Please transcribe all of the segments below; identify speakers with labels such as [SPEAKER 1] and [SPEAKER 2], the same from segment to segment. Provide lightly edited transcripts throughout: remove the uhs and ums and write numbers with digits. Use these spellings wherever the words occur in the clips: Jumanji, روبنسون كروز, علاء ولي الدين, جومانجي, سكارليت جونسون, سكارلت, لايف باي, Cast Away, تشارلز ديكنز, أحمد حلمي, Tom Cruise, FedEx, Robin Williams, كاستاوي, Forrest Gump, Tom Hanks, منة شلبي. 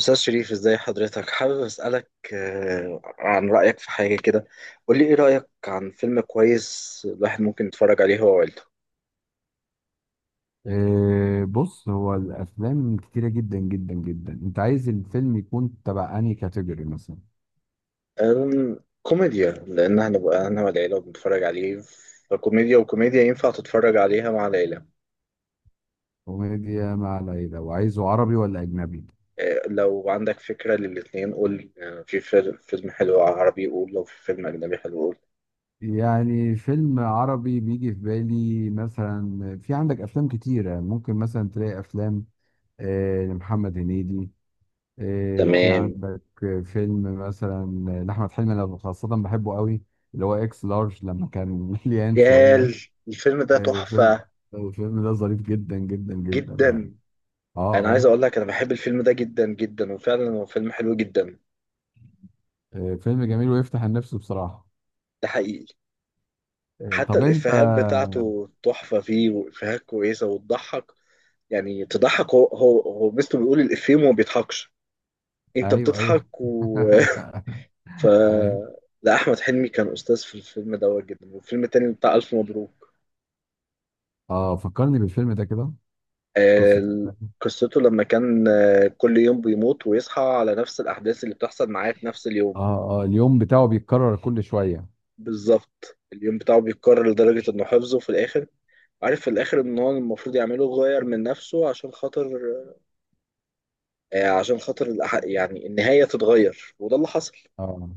[SPEAKER 1] أستاذ شريف، ازاي حضرتك؟ حابب أسألك عن رأيك في حاجة كده. قول لي ايه رأيك عن فيلم كويس الواحد ممكن يتفرج عليه هو وعيلته؟
[SPEAKER 2] بص، هو الافلام كتيره جدا جدا جدا. انت عايز الفيلم يكون تبع انهي كاتيجوري مثلا؟
[SPEAKER 1] كوميديا، لأن هنبقى أنا والعيلة بنتفرج عليه. فكوميديا، وكوميديا ينفع تتفرج عليها مع العيلة.
[SPEAKER 2] كوميديا مع العيله، وعايزه عربي ولا اجنبي؟
[SPEAKER 1] لو عندك فكرة للاتنين قول. في فيلم حلو عربي قول، لو في فيلم أجنبي حلو قول.
[SPEAKER 2] يعني فيلم عربي بيجي في بالي، مثلا في عندك افلام كتيره، ممكن مثلا تلاقي افلام لمحمد هنيدي. في
[SPEAKER 1] تمام.
[SPEAKER 2] عندك فيلم مثلا لاحمد حلمي، انا خاصه بحبه قوي، اللي هو اكس لارج لما كان مليان
[SPEAKER 1] يا
[SPEAKER 2] شويه.
[SPEAKER 1] ال- الفيلم ده
[SPEAKER 2] فيلم،
[SPEAKER 1] تحفة
[SPEAKER 2] الفيلم ده ظريف جدا جدا جدا يعني.
[SPEAKER 1] جدا.
[SPEAKER 2] اه،
[SPEAKER 1] أنا عايز
[SPEAKER 2] اه.
[SPEAKER 1] أقول لك، أنا بحب الفيلم ده جدا جدا، وفعلا هو فيلم حلو جدا.
[SPEAKER 2] فيلم جميل ويفتح النفس بصراحة.
[SPEAKER 1] ده حقيقي. حتى
[SPEAKER 2] طب انت.
[SPEAKER 1] الإفيهات بتاعته تحفة فيه، وإفيهات كويسة وتضحك، يعني تضحك. هو مستو، بيقول الإفيه وما بيضحكش، أنت
[SPEAKER 2] ايوه، ايوه.
[SPEAKER 1] بتضحك. ف
[SPEAKER 2] ايوه.
[SPEAKER 1] لا، أحمد حلمي كان أستاذ في الفيلم دوت جدا، والفيلم التاني بتاع ألف مبروك.
[SPEAKER 2] اه، فكرني بالفيلم ده كده. قصة
[SPEAKER 1] آه،
[SPEAKER 2] الفيلم.
[SPEAKER 1] قصته لما كان كل يوم بيموت ويصحى على نفس الأحداث اللي بتحصل معاه في نفس اليوم.
[SPEAKER 2] اه، اه، اليوم بتاعه بيتكرر كل شوية.
[SPEAKER 1] بالظبط، اليوم بتاعه بيتكرر لدرجة إنه حفظه في الآخر. عارف في الآخر إن هو المفروض يعمله غير من نفسه، عشان خاطر عشان خاطر يعني النهاية تتغير، وده اللي حصل.
[SPEAKER 2] اه،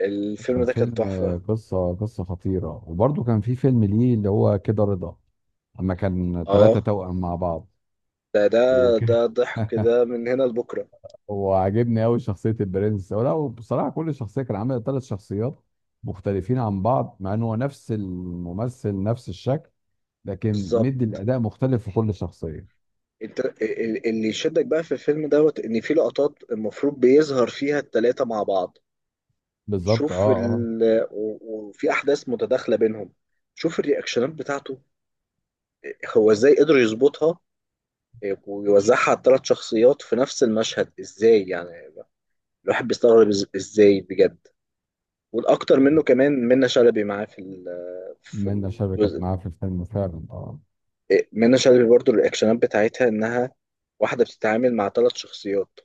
[SPEAKER 1] الفيلم
[SPEAKER 2] كان
[SPEAKER 1] ده كان
[SPEAKER 2] فيلم،
[SPEAKER 1] تحفة.
[SPEAKER 2] قصة خطيرة. وبرضه كان في فيلم ليه اللي هو كده رضا، لما كان ثلاثة
[SPEAKER 1] اه.
[SPEAKER 2] توأم مع بعض
[SPEAKER 1] ده
[SPEAKER 2] وكده.
[SPEAKER 1] ضحك كده من هنا لبكرة.
[SPEAKER 2] هو عاجبني قوي شخصيه البرنس، ولا هو بصراحه كل شخصيه كان عامل ثلاث شخصيات مختلفين عن بعض، مع ان هو نفس الممثل نفس الشكل، لكن
[SPEAKER 1] بالظبط.
[SPEAKER 2] مدي الاداء مختلف في كل شخصيه.
[SPEAKER 1] انت اللي يشدك بقى في الفيلم دوت ان في لقطات المفروض بيظهر فيها التلاتة مع بعض.
[SPEAKER 2] بالظبط.
[SPEAKER 1] شوف
[SPEAKER 2] اه،
[SPEAKER 1] و- وفي احداث متداخلة بينهم. شوف الرياكشنات بتاعته، هو ازاي قدر يظبطها ويوزعها على الثلاث شخصيات في نفس المشهد، ازاي يعني. الواحد بيستغرب ازاي بجد. والاكتر
[SPEAKER 2] اه.
[SPEAKER 1] منه كمان منة شلبي معاه في في
[SPEAKER 2] منى شلبي كانت
[SPEAKER 1] الجزء ده.
[SPEAKER 2] معاه في الفيلم فعلا، اه.
[SPEAKER 1] إيه، منة شلبي برضو الرياكشنات بتاعتها، انها واحده بتتعامل مع ثلاث شخصيات،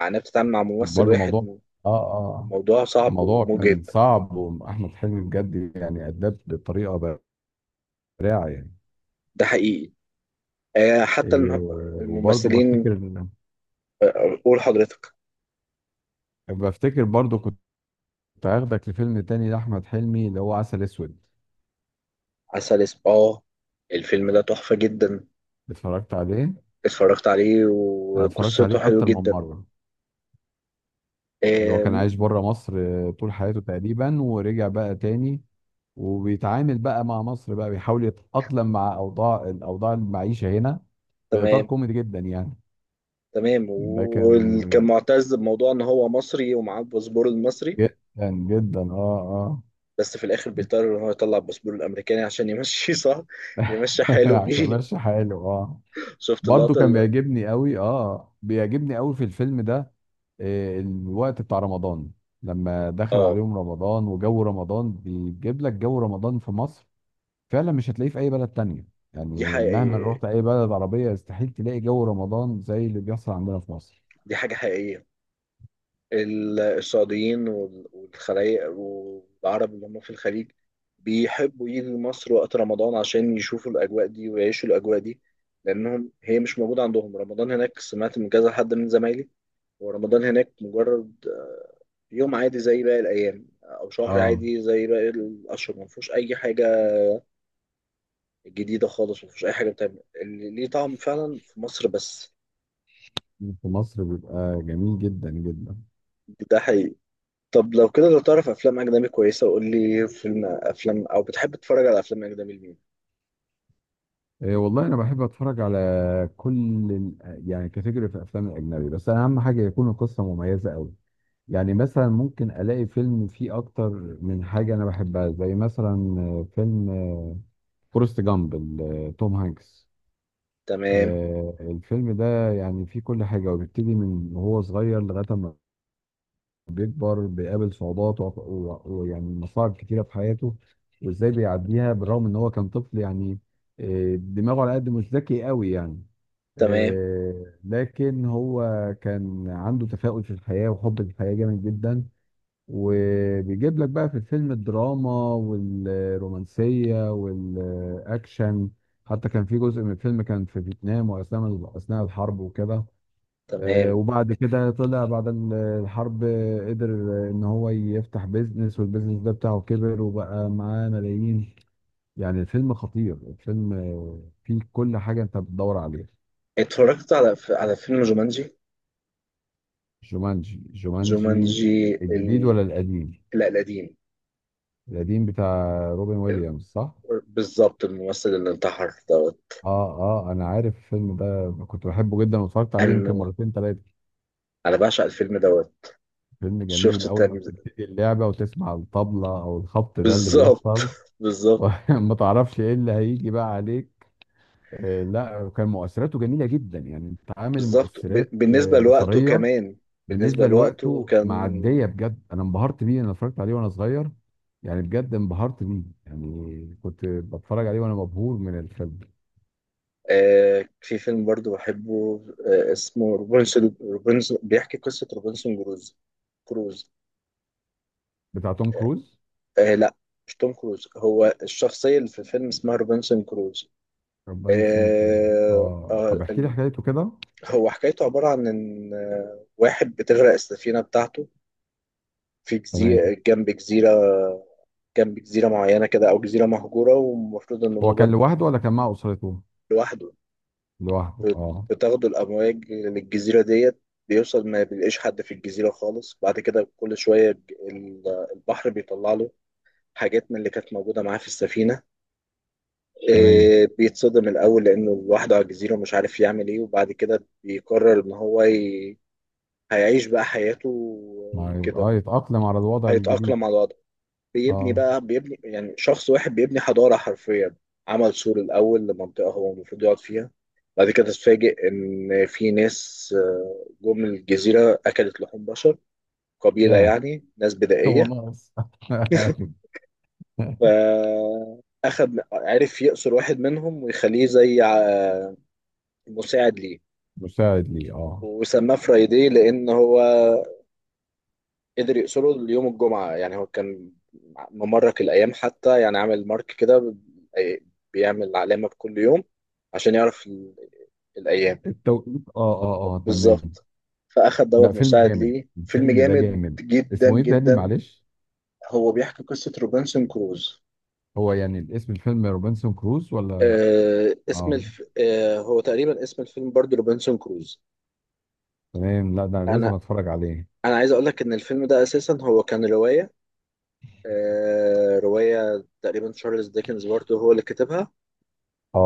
[SPEAKER 1] معناها بتتعامل مع ممثل
[SPEAKER 2] برضه موضوع.
[SPEAKER 1] واحد.
[SPEAKER 2] اه، اه.
[SPEAKER 1] الموضوع صعب
[SPEAKER 2] الموضوع كان
[SPEAKER 1] ومجهد.
[SPEAKER 2] صعب، واحمد حلمي بجد يعني اداه بطريقه براعه يعني.
[SPEAKER 1] ده حقيقي.
[SPEAKER 2] إيه،
[SPEAKER 1] حتى
[SPEAKER 2] وبرضه
[SPEAKER 1] الممثلين.
[SPEAKER 2] بفتكر
[SPEAKER 1] قول حضرتك.
[SPEAKER 2] بفتكر برضه، كنت هاخدك لفيلم تاني لأحمد حلمي اللي هو عسل أسود.
[SPEAKER 1] عسل، اسم، اه. الفيلم ده تحفه جدا.
[SPEAKER 2] اتفرجت عليه.
[SPEAKER 1] اتفرجت عليه
[SPEAKER 2] انا اتفرجت
[SPEAKER 1] وقصته
[SPEAKER 2] عليه
[SPEAKER 1] حلوه
[SPEAKER 2] اكتر من
[SPEAKER 1] جدا.
[SPEAKER 2] مره. اللي هو كان
[SPEAKER 1] آه،
[SPEAKER 2] عايش بره مصر طول حياته تقريبا، ورجع بقى تاني، وبيتعامل بقى مع مصر، بقى بيحاول يتأقلم مع الاوضاع المعيشه هنا، في اطار
[SPEAKER 1] تمام،
[SPEAKER 2] كوميدي جدا يعني.
[SPEAKER 1] تمام.
[SPEAKER 2] ده كان
[SPEAKER 1] وكان معتز بموضوع ان هو مصري ومعاه الباسبور المصري،
[SPEAKER 2] جدا، جدا، اه.
[SPEAKER 1] بس في الاخر بيضطر ان هو يطلع الباسبور الامريكاني عشان يمشي. صح، يمشي
[SPEAKER 2] اه،
[SPEAKER 1] حاله
[SPEAKER 2] عشان
[SPEAKER 1] بيه.
[SPEAKER 2] ماشي حاله، اه.
[SPEAKER 1] شفت
[SPEAKER 2] برضه
[SPEAKER 1] اللقطه
[SPEAKER 2] كان بيعجبني قوي في الفيلم ده، الوقت بتاع رمضان. لما دخل
[SPEAKER 1] اه.
[SPEAKER 2] عليهم رمضان وجو رمضان، بيجيب لك جو رمضان في مصر. فعلا مش هتلاقيه في اي بلد تانية.
[SPEAKER 1] دي
[SPEAKER 2] يعني مهما
[SPEAKER 1] حقيقيه،
[SPEAKER 2] رحت اي بلد عربية، استحيل تلاقي جو رمضان زي اللي بيحصل عندنا في مصر.
[SPEAKER 1] دي حاجه حقيقيه. السعوديين والخلايق والعرب اللي هم في الخليج بيحبوا يجوا مصر وقت رمضان عشان يشوفوا الاجواء دي ويعيشوا الاجواء دي، لانهم هي مش موجوده عندهم. رمضان هناك، سمعت من كذا حد من زمايلي، ورمضان هناك مجرد يوم عادي زي باقي الايام، او شهر
[SPEAKER 2] اه،
[SPEAKER 1] عادي زي باقي الاشهر، ما فيهوش اي حاجه جديدة خالص، ومفيش أي حاجة بتعمل اللي ليه طعم فعلا في مصر بس.
[SPEAKER 2] في مصر بيبقى جميل جدا جدا.
[SPEAKER 1] ده حقيقي. طب لو كده، لو تعرف أفلام أجنبي كويسة قول لي فيلم، أفلام. أو بتحب تتفرج على أفلام أجنبي لمين؟
[SPEAKER 2] إيه، والله انا بحب اتفرج على كل يعني كاتيجوري في الافلام الاجنبي، بس أنا اهم حاجه يكون القصه مميزه قوي. يعني مثلا ممكن الاقي فيلم فيه اكتر من حاجه انا بحبها، زي مثلا فيلم فورست جامب توم هانكس.
[SPEAKER 1] تمام،
[SPEAKER 2] الفيلم ده يعني فيه كل حاجة، وبيبتدي من وهو صغير لغاية ما بيكبر، بيقابل صعوبات ويعني مصاعب كتيرة في حياته، وازاي بيعديها بالرغم ان هو كان طفل يعني. دماغه على قد، مش ذكي قوي يعني.
[SPEAKER 1] تمام،
[SPEAKER 2] لكن هو كان عنده تفاؤل في الحياة وحب الحياة جامد جدا، وبيجيب لك بقى في الفيلم الدراما والرومانسية والأكشن. حتى كان في جزء من الفيلم كان في فيتنام، وأثناء الحرب وكده.
[SPEAKER 1] تمام.
[SPEAKER 2] وبعد كده طلع بعد الحرب، قدر إن هو يفتح بيزنس، والبيزنس ده بتاعه كبر وبقى معاه ملايين. يعني الفيلم خطير، الفيلم فيه كل حاجة أنت بتدور عليها.
[SPEAKER 1] اتفرجت على على فيلم جومانجي.
[SPEAKER 2] جومانجي، جومانجي.
[SPEAKER 1] جومانجي
[SPEAKER 2] الجديد ولا القديم؟
[SPEAKER 1] لا، القديم.
[SPEAKER 2] القديم بتاع روبن ويليامز، صح؟
[SPEAKER 1] بالظبط، الممثل اللي انتحر دوت.
[SPEAKER 2] اه، اه، انا عارف الفيلم ده، كنت بحبه جدا واتفرجت عليه يمكن
[SPEAKER 1] أنا
[SPEAKER 2] مرتين ثلاثه.
[SPEAKER 1] أنا بعشق الفيلم دوت.
[SPEAKER 2] فيلم جميل،
[SPEAKER 1] شفته
[SPEAKER 2] اول ما
[SPEAKER 1] تاني.
[SPEAKER 2] بتبتدي اللعبه وتسمع الطبله او الخبط ده اللي
[SPEAKER 1] بالظبط.
[SPEAKER 2] بيحصل.
[SPEAKER 1] بالظبط،
[SPEAKER 2] وما تعرفش ايه اللي هيجي بقى عليك. آه، لا، كان مؤثراته جميله جدا يعني، انت عامل
[SPEAKER 1] بالظبط.
[SPEAKER 2] مؤثرات
[SPEAKER 1] بالنسبة لوقته
[SPEAKER 2] بصريه.
[SPEAKER 1] كمان، بالنسبة
[SPEAKER 2] بالنسبه
[SPEAKER 1] لوقته
[SPEAKER 2] لوقته
[SPEAKER 1] كان.
[SPEAKER 2] معديه بجد، انا انبهرت بيه. انا اتفرجت عليه وانا صغير يعني، بجد انبهرت بيه يعني، كنت بتفرج عليه وانا مبهور من الفيلم.
[SPEAKER 1] في فيلم برضو بحبه، اسمه روبنسون بيحكي قصة روبنسون كروز. كروز.
[SPEAKER 2] بتاع توم كروز.
[SPEAKER 1] لا، مش توم كروز، هو الشخصية اللي في الفيلم اسمها روبنسون كروز.
[SPEAKER 2] ربان سمكو،
[SPEAKER 1] آه
[SPEAKER 2] اه. طب
[SPEAKER 1] آه
[SPEAKER 2] احكي لي
[SPEAKER 1] ال-
[SPEAKER 2] حكايته كده.
[SPEAKER 1] هو حكايته عبارة عن إن واحد بتغرق السفينة بتاعته في
[SPEAKER 2] تمام.
[SPEAKER 1] جزيرة، جنب جزيرة، جنب جزيرة معينة كده، أو جزيرة مهجورة، ومفروض إنه
[SPEAKER 2] هو
[SPEAKER 1] موجة.
[SPEAKER 2] كان لوحده ولا كان مع اسرته؟
[SPEAKER 1] لوحده.
[SPEAKER 2] لوحده، اه.
[SPEAKER 1] بتاخدوا الأمواج للجزيرة ديت. بيوصل، ما بيلاقيش حد في الجزيرة خالص. بعد كده كل شوية البحر بيطلع له حاجات من اللي كانت موجودة معاه في السفينة.
[SPEAKER 2] تمام.
[SPEAKER 1] إيه، بيتصدم الأول لأنه لوحده على الجزيرة، مش عارف يعمل إيه، وبعد كده بيقرر إن هو هيعيش بقى حياته
[SPEAKER 2] مع...
[SPEAKER 1] وكده.
[SPEAKER 2] اه يتأقلم على الوضع الجديد.
[SPEAKER 1] هيتأقلم على الوضع. بيبني
[SPEAKER 2] اه.
[SPEAKER 1] بقى بيبني يعني شخص واحد بيبني حضارة حرفيا. عمل سور الأول لمنطقة هو المفروض يقعد فيها. بعد كده تتفاجئ إن في ناس جم الجزيرة، أكلت لحوم بشر، قبيلة
[SPEAKER 2] ياه.
[SPEAKER 1] يعني ناس
[SPEAKER 2] هو
[SPEAKER 1] بدائية.
[SPEAKER 2] ناقص.
[SPEAKER 1] فأخد، عرف يأسر واحد منهم ويخليه زي مساعد ليه.
[SPEAKER 2] مساعد لي، اه.
[SPEAKER 1] وسماه فرايدي، لأن هو قدر يقصره ليوم الجمعة. يعني هو كان ممرك الأيام حتى، يعني عامل مارك كده، بيعمل علامة بكل يوم عشان يعرف الأيام.
[SPEAKER 2] التوقيت، اه، اه، اه. تمام.
[SPEAKER 1] بالظبط. فأخد
[SPEAKER 2] لا،
[SPEAKER 1] دوت
[SPEAKER 2] فيلم
[SPEAKER 1] مساعد
[SPEAKER 2] جامد،
[SPEAKER 1] ليه. فيلم
[SPEAKER 2] الفيلم ده
[SPEAKER 1] جامد
[SPEAKER 2] جامد.
[SPEAKER 1] جدا
[SPEAKER 2] اسمه ايه تاني
[SPEAKER 1] جدا.
[SPEAKER 2] معلش؟
[SPEAKER 1] هو بيحكي قصة روبنسون كروز.
[SPEAKER 2] هو يعني الاسم الفيلم روبنسون كروز ولا؟ اه.
[SPEAKER 1] هو تقريبا اسم الفيلم برضه روبنسون كروز.
[SPEAKER 2] تمام، لا ده انا لازم
[SPEAKER 1] أنا
[SPEAKER 2] اتفرج عليه.
[SPEAKER 1] أنا عايز أقول لك إن الفيلم ده أساسا هو كان رواية. رواية تقريبا تشارلز ديكنز برضه هو اللي كتبها،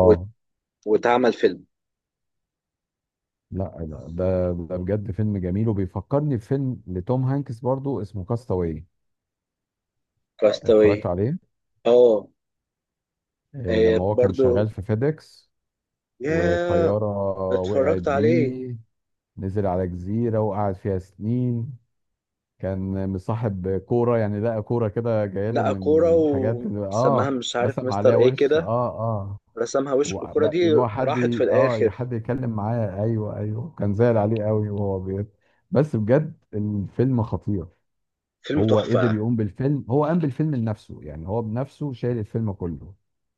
[SPEAKER 1] و... واتعمل فيلم.
[SPEAKER 2] لا، لا، ده بجد فيلم جميل، وبيفكرني بفيلم لتوم هانكس برضو اسمه كاستاوي. اتفرجت
[SPEAKER 1] كاستاوي.
[SPEAKER 2] عليه.
[SPEAKER 1] اه.
[SPEAKER 2] لما هو كان
[SPEAKER 1] برضو.
[SPEAKER 2] شغال في فيديكس،
[SPEAKER 1] يا
[SPEAKER 2] والطيارة وقعت
[SPEAKER 1] اتفرجت عليه.
[SPEAKER 2] بيه، نزل على جزيرة وقعد فيها سنين. كان مصاحب كورة يعني، لقى كورة كده جايله
[SPEAKER 1] لقى
[SPEAKER 2] من
[SPEAKER 1] كورة
[SPEAKER 2] من حاجات،
[SPEAKER 1] وسماها مش عارف
[SPEAKER 2] رسم
[SPEAKER 1] مستر
[SPEAKER 2] عليها
[SPEAKER 1] ايه
[SPEAKER 2] وش،
[SPEAKER 1] كده،
[SPEAKER 2] اه، اه.
[SPEAKER 1] رسمها وش، والكورة دي
[SPEAKER 2] اللي هو، حد
[SPEAKER 1] راحت في
[SPEAKER 2] ي- اه
[SPEAKER 1] الآخر.
[SPEAKER 2] حد يتكلم معاه. ايوه، ايوه، كان زعل عليه قوي وهو بيت. بس بجد الفيلم خطير.
[SPEAKER 1] فيلم
[SPEAKER 2] هو قدر
[SPEAKER 1] تحفة.
[SPEAKER 2] يقوم بالفيلم، هو قام بالفيلم لنفسه يعني، هو بنفسه شايل الفيلم كله.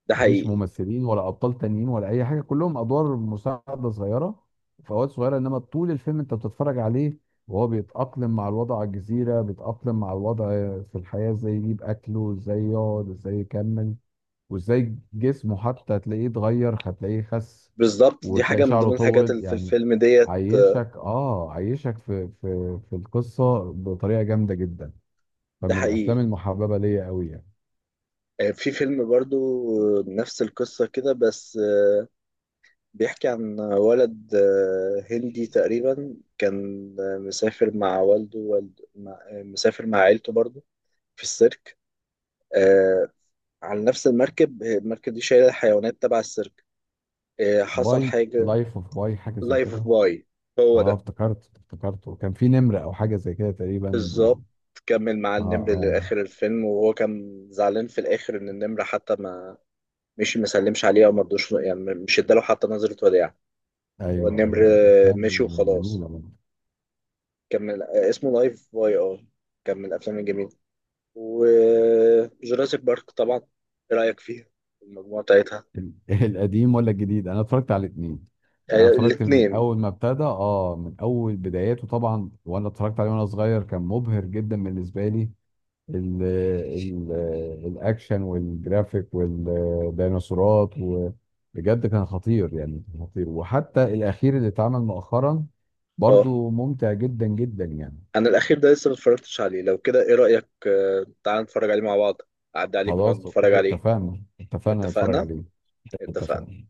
[SPEAKER 1] ده
[SPEAKER 2] مفيش
[SPEAKER 1] حقيقي.
[SPEAKER 2] ممثلين ولا ابطال تانيين ولا اي حاجه، كلهم ادوار مساعده صغيره. فوات صغيره، انما طول الفيلم انت بتتفرج عليه، وهو بيتاقلم مع الوضع على الجزيره، بيتاقلم مع الوضع في الحياه، ازاي يجيب اكله، ازاي يقعد، ازاي يكمل. وازاي جسمه حتى هتلاقيه اتغير، هتلاقيه خس،
[SPEAKER 1] بالظبط، دي
[SPEAKER 2] وتلاقي
[SPEAKER 1] حاجة من
[SPEAKER 2] شعره
[SPEAKER 1] ضمن الحاجات
[SPEAKER 2] طول
[SPEAKER 1] اللي في
[SPEAKER 2] يعني.
[SPEAKER 1] الفيلم ديت.
[SPEAKER 2] عايشك في في القصه بطريقه جامده جدا.
[SPEAKER 1] ده
[SPEAKER 2] فمن الافلام
[SPEAKER 1] حقيقي.
[SPEAKER 2] المحببه ليا قوي يعني.
[SPEAKER 1] في فيلم برضو، نفس القصة كده، بس بيحكي عن ولد هندي تقريبا، كان مسافر مع والده والد... مع... آه، مسافر مع عيلته برضو في السيرك. آه على نفس المركب، المركب دي شايلة حيوانات تبع السيرك. حصل
[SPEAKER 2] باي
[SPEAKER 1] حاجة.
[SPEAKER 2] لايف اوف باي، حاجه زي
[SPEAKER 1] لايف
[SPEAKER 2] كده.
[SPEAKER 1] باي، هو
[SPEAKER 2] اه،
[SPEAKER 1] ده.
[SPEAKER 2] افتكرته، كان في نمر او حاجه زي كده تقريبا
[SPEAKER 1] بالظبط، كمل مع
[SPEAKER 2] اه،
[SPEAKER 1] النمر
[SPEAKER 2] اه،
[SPEAKER 1] لآخر الفيلم، وهو كان زعلان في الآخر إن النمر حتى ما مشي مسلمش عليه أو مرضوش، يعني مش اداله حتى نظرة وداع. هو
[SPEAKER 2] ايوه،
[SPEAKER 1] النمر
[SPEAKER 2] ايوه، من الافلام
[SPEAKER 1] مشي وخلاص.
[SPEAKER 2] الجميله برضه.
[SPEAKER 1] كمل. اسمه لايف باي. اه كان من الأفلام الجميلة. وجوراسيك بارك طبعا، إيه رأيك فيها؟ المجموعة بتاعتها.
[SPEAKER 2] ال- القديم ولا الجديد؟ انا اتفرجت على الاثنين.
[SPEAKER 1] يعني
[SPEAKER 2] انا اتفرجت من
[SPEAKER 1] الاتنين.
[SPEAKER 2] اول ما ابتدى، من اول بداياته طبعا، وانا اتفرجت عليه وانا صغير، كان مبهر جدا بالنسبه لي. ال ال الاكشن والجرافيك والديناصورات، وبجد كان خطير يعني، كان خطير. وحتى الاخير اللي اتعمل مؤخرا
[SPEAKER 1] اه.
[SPEAKER 2] برضو ممتع جدا جدا يعني.
[SPEAKER 1] انا الاخير ده لسه ما اتفرجتش عليه. لو كده ايه رايك؟ تعال نتفرج عليه مع بعض. اعدي عليك ونقعد
[SPEAKER 2] خلاص،
[SPEAKER 1] نتفرج
[SPEAKER 2] اوكي،
[SPEAKER 1] عليه.
[SPEAKER 2] اتفقنا، اتفقنا نتفرج
[SPEAKER 1] اتفقنا،
[SPEAKER 2] عليه.
[SPEAKER 1] اتفقنا.
[SPEAKER 2] اتفقنا.